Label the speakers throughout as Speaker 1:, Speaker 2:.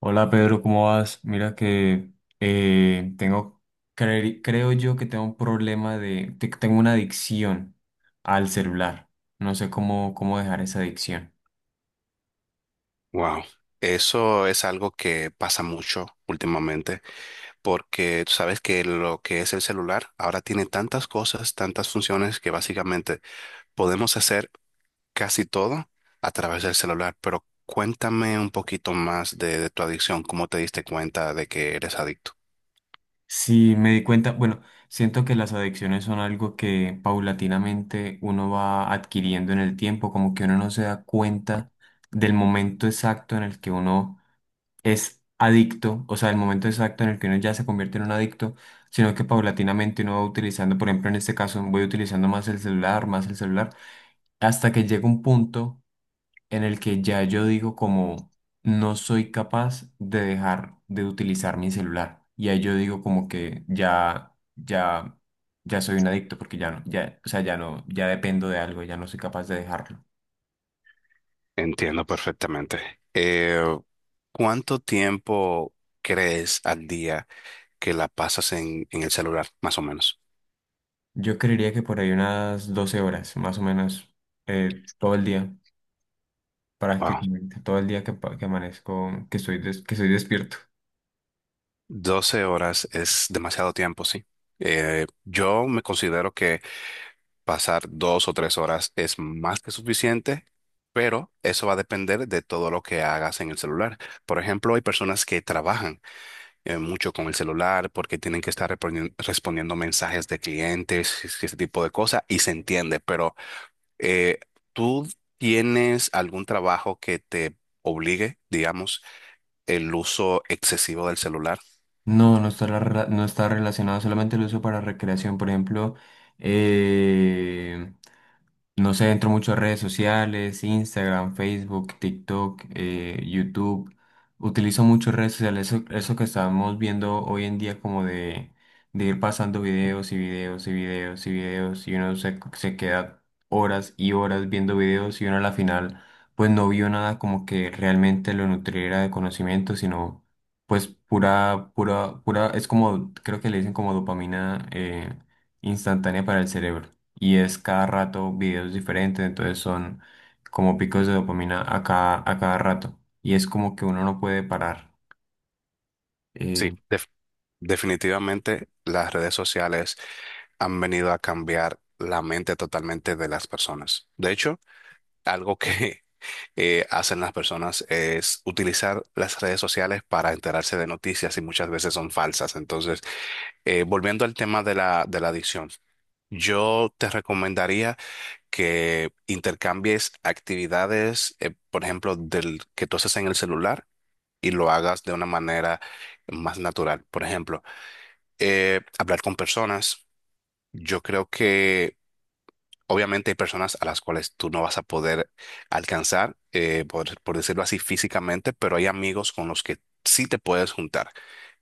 Speaker 1: Hola Pedro, ¿cómo vas? Mira que eh, tengo, creo yo que tengo un problema tengo una adicción al celular. No sé cómo dejar esa adicción.
Speaker 2: Wow, eso es algo que pasa mucho últimamente, porque tú sabes que lo que es el celular ahora tiene tantas cosas, tantas funciones que básicamente podemos hacer casi todo a través del celular. Pero cuéntame un poquito más de tu adicción, cómo te diste cuenta de que eres adicto.
Speaker 1: Sí, me di cuenta, bueno, siento que las adicciones son algo que paulatinamente uno va adquiriendo en el tiempo, como que uno no se da cuenta del momento exacto en el que uno es adicto, o sea, el momento exacto en el que uno ya se convierte en un adicto, sino que paulatinamente uno va utilizando, por ejemplo, en este caso, voy utilizando más el celular, hasta que llega un punto en el que ya yo digo como no soy capaz de dejar de utilizar mi celular. Y ahí yo digo como que ya, ya, ya soy un adicto porque ya no, ya, o sea, ya no, ya dependo de algo, ya no soy capaz de dejarlo.
Speaker 2: Entiendo perfectamente. ¿Cuánto tiempo crees al día que la pasas en el celular, más o menos?
Speaker 1: Yo creería que por ahí unas 12 horas, más o menos, todo el día.
Speaker 2: Wow.
Speaker 1: Prácticamente todo el día que amanezco, que estoy despierto.
Speaker 2: 12 horas es demasiado tiempo, sí. Yo me considero que pasar 2 o 3 horas es más que suficiente, pero eso va a depender de todo lo que hagas en el celular. Por ejemplo, hay personas que trabajan mucho con el celular porque tienen que estar respondiendo mensajes de clientes, ese tipo de cosas, y se entiende, pero eh, ¿tú tienes algún trabajo que te obligue, digamos, el uso excesivo del celular?
Speaker 1: No, no está, no está relacionado solamente el uso para recreación. Por ejemplo, eh, no sé, entro mucho a redes sociales, Instagram, Facebook, TikTok, YouTube. Utilizo mucho redes sociales, eso que estamos viendo hoy en día como de ir pasando videos y videos y videos y videos y uno se queda horas y horas viendo videos y uno a la final pues no vio nada como que realmente lo nutriera de conocimiento, sino... Pues pura, pura, pura, es como, creo que le dicen como dopamina instantánea para el cerebro. Y es cada rato videos diferentes, entonces son como picos de dopamina a cada rato. Y es como que uno no puede parar.
Speaker 2: Sí,
Speaker 1: eh,
Speaker 2: definitivamente las redes sociales han venido a cambiar la mente totalmente de las personas. De hecho, algo que hacen las personas es utilizar las redes sociales para enterarse de noticias y muchas veces son falsas. Entonces, volviendo al tema de la adicción, yo te recomendaría que intercambies actividades, por ejemplo, del que tú haces en el celular y lo hagas de una manera más natural. Por ejemplo, hablar con personas. Yo creo que obviamente hay personas a las cuales tú no vas a poder alcanzar, por decirlo así, físicamente, pero hay amigos con los que sí te puedes juntar.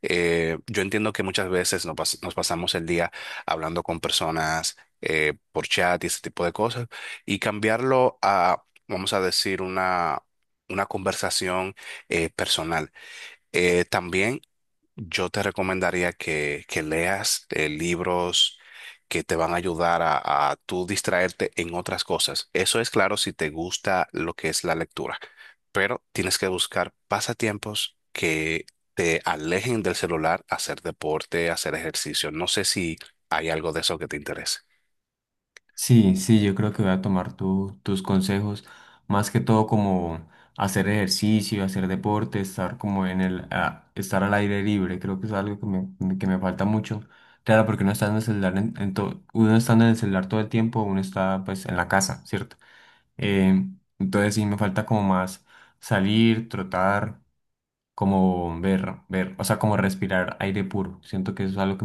Speaker 2: Yo entiendo que muchas veces nos pasamos el día hablando con personas por chat y ese tipo de cosas, y cambiarlo a, vamos a decir, una conversación personal. También yo te recomendaría que leas libros que te van a ayudar a tú distraerte en otras cosas. Eso es claro si te gusta lo que es la lectura, pero tienes que buscar pasatiempos que te alejen del celular, hacer deporte, hacer ejercicio. No sé si hay algo de eso que te interese.
Speaker 1: Sí, sí, yo creo que voy a tomar tus consejos, más que todo como hacer ejercicio, hacer deporte, estar como en estar al aire libre, creo que es algo que que me falta mucho. Claro, porque uno está en el celular, uno estando en el celular todo el tiempo, uno está pues en la casa, ¿cierto? Eh, entonces sí, me falta como más salir, trotar, como ver, o sea, como respirar aire puro. Siento que eso es algo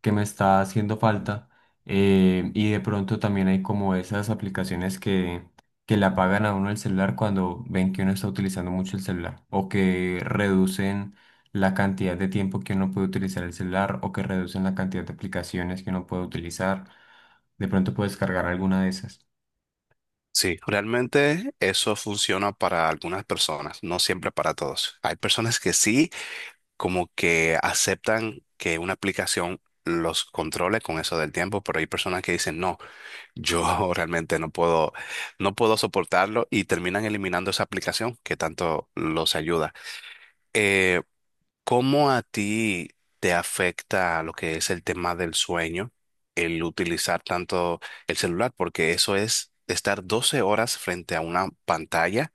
Speaker 1: que me está haciendo falta. Y de pronto también hay como esas aplicaciones que le apagan a uno el celular cuando ven que uno está utilizando mucho el celular o que reducen la cantidad de tiempo que uno puede utilizar el celular o que reducen la cantidad de aplicaciones que uno puede utilizar. De pronto puedes cargar alguna de esas.
Speaker 2: Sí, realmente eso funciona para algunas personas, no siempre para todos. Hay personas que sí como que aceptan que una aplicación los controle con eso del tiempo, pero hay personas que dicen, no, yo realmente no puedo, no puedo soportarlo y terminan eliminando esa aplicación que tanto los ayuda. Eh, ¿Cómo a ti te afecta lo que es el tema del sueño, el utilizar tanto el celular? Porque eso es estar 12 horas frente a una pantalla.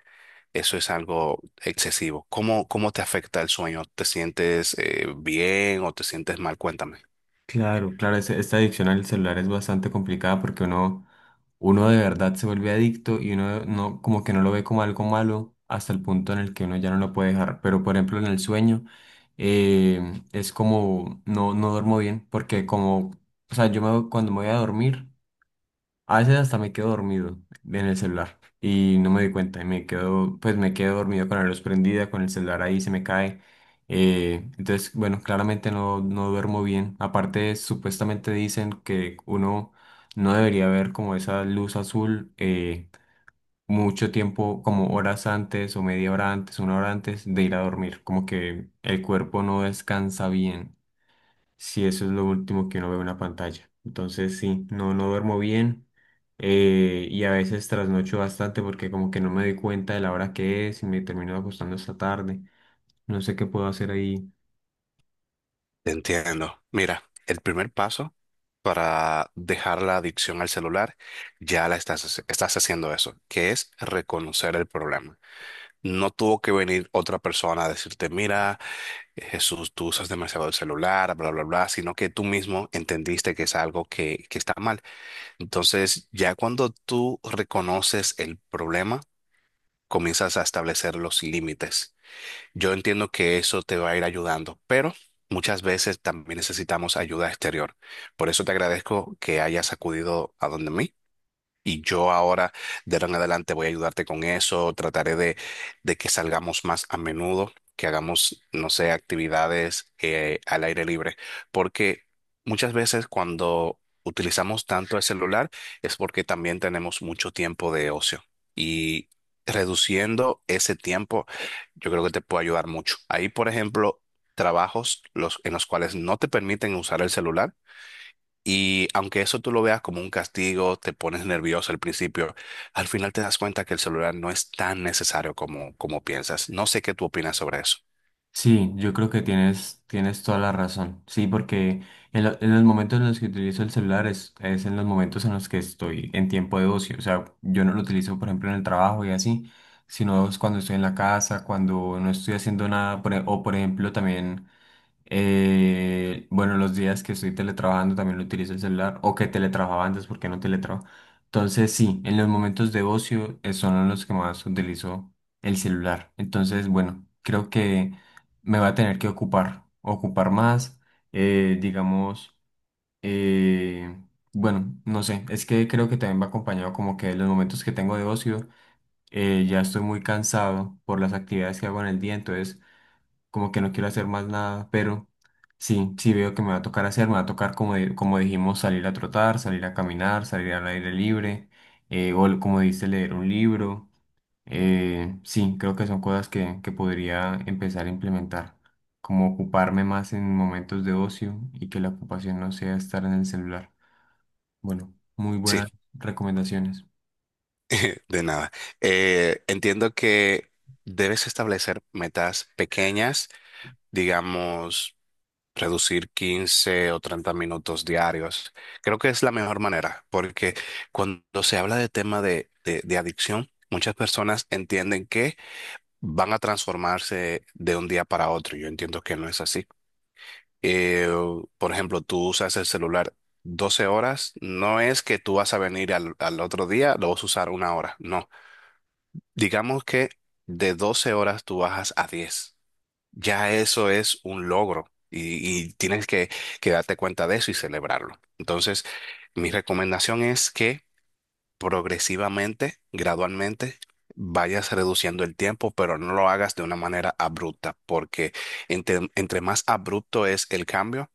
Speaker 2: Eso es algo excesivo. ¿Cómo te afecta el sueño? ¿Te sientes bien o te sientes mal? Cuéntame.
Speaker 1: Claro, claro, esta adicción al celular es bastante complicada porque uno de verdad se vuelve adicto y uno no, como que no lo ve como algo malo hasta el punto en el que uno ya no lo puede dejar. Pero por ejemplo en el sueño, es como no, no duermo bien porque como, o sea, yo me, cuando me voy a dormir a veces hasta me quedo dormido en el celular y no me doy cuenta y me quedo, pues me quedo dormido con la luz prendida, con el celular ahí se me cae. Entonces, bueno, claramente no, no duermo bien. Aparte, supuestamente dicen que uno no debería ver como esa luz azul mucho tiempo, como horas antes o media hora antes, una hora antes de ir a dormir, como que el cuerpo no descansa bien si eso es lo último que uno ve en una pantalla. Entonces, sí, no, no duermo bien, y a veces trasnocho bastante porque como que no me doy cuenta de la hora que es y me termino acostando hasta tarde. No sé qué puedo hacer ahí.
Speaker 2: Te entiendo. Mira, el primer paso para dejar la adicción al celular, ya la estás, estás haciendo eso, que es reconocer el problema. No tuvo que venir otra persona a decirte, mira, Jesús, tú usas demasiado el celular, bla, bla, bla, sino que tú mismo entendiste que es algo que está mal. Entonces, ya cuando tú reconoces el problema, comienzas a establecer los límites. Yo entiendo que eso te va a ir ayudando, pero muchas veces también necesitamos ayuda exterior. Por eso te agradezco que hayas acudido a donde mí y yo ahora, de ahora en adelante, voy a ayudarte con eso. Trataré de que salgamos más a menudo, que hagamos, no sé, actividades al aire libre. Porque muchas veces cuando utilizamos tanto el celular es porque también tenemos mucho tiempo de ocio. Y reduciendo ese tiempo, yo creo que te puede ayudar mucho. Ahí, por ejemplo, trabajos los, en los cuales no te permiten usar el celular y aunque eso tú lo veas como un castigo, te pones nervioso al principio, al final te das cuenta que el celular no es tan necesario como piensas. No sé qué tú opinas sobre eso.
Speaker 1: Sí, yo creo que tienes, tienes toda la razón. Sí, porque en los momentos en los que utilizo el celular es en los momentos en los que estoy en tiempo de ocio. O sea, yo no lo utilizo, por ejemplo, en el trabajo y así, sino es cuando estoy en la casa, cuando no estoy haciendo nada, o por ejemplo, también bueno, los días que estoy teletrabajando también lo utilizo el celular o que teletrabajaba antes porque no teletrabajo. Entonces, sí, en los momentos de ocio son en los que más utilizo el celular. Entonces, bueno, creo que me va a tener que ocupar más, eh, digamos, eh, bueno, no sé, es que creo que también va acompañado como que de los momentos que tengo de ocio. Ya estoy muy cansado por las actividades que hago en el día, entonces como que no quiero hacer más nada, pero sí, sí veo que me va a tocar hacer, me va a tocar, como, como dijimos, salir a trotar, salir a caminar, salir al aire libre, como dice, leer un libro. Sí, creo que son cosas que podría empezar a implementar, como ocuparme más en momentos de ocio y que la ocupación no sea estar en el celular. Bueno, muy
Speaker 2: Sí,
Speaker 1: buenas recomendaciones.
Speaker 2: de nada. Entiendo que debes establecer metas pequeñas, digamos, reducir 15 o 30 minutos diarios. Creo que es la mejor manera, porque cuando se habla de tema de adicción, muchas personas entienden que van a transformarse de un día para otro. Yo entiendo que no es así. Eh, por ejemplo, tú usas el celular 12 horas, no es que tú vas a venir al otro día, lo vas a usar una hora, no. Digamos que de 12 horas tú bajas a 10, ya eso es un logro y tienes que darte cuenta de eso y celebrarlo. Entonces, mi recomendación es que progresivamente, gradualmente, vayas reduciendo el tiempo, pero no lo hagas de una manera abrupta, porque entre más abrupto es el cambio,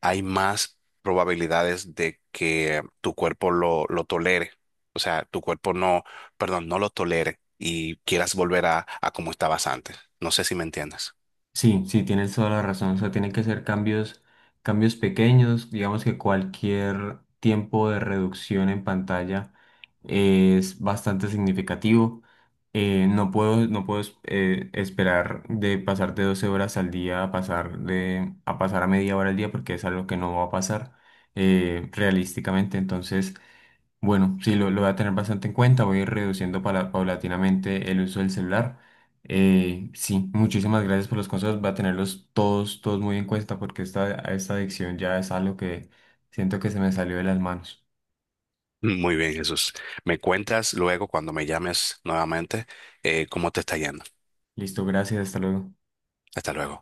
Speaker 2: hay más probabilidades de que tu cuerpo lo tolere. O sea, tu cuerpo no, perdón, no lo tolere y quieras volver a como estabas antes. No sé si me entiendes.
Speaker 1: Sí, sí, tienes toda la razón. O sea, tienen que ser cambios, cambios pequeños. Digamos que cualquier tiempo de reducción en pantalla es bastante significativo. No puedo, esperar de pasar de 12 horas al día a pasar a pasar a 1/2 hora al día porque es algo que no va a pasar, realísticamente. Entonces, bueno, sí, lo voy a tener bastante en cuenta. Voy a ir reduciendo paulatinamente el uso del celular. Sí, muchísimas gracias por los consejos. Va a tenerlos todos, todos muy en cuenta porque esta adicción ya es algo que siento que se me salió de las manos.
Speaker 2: Muy bien, Jesús. Me cuentas luego cuando me llames nuevamente cómo te está yendo.
Speaker 1: Listo, gracias, hasta luego.
Speaker 2: Hasta luego.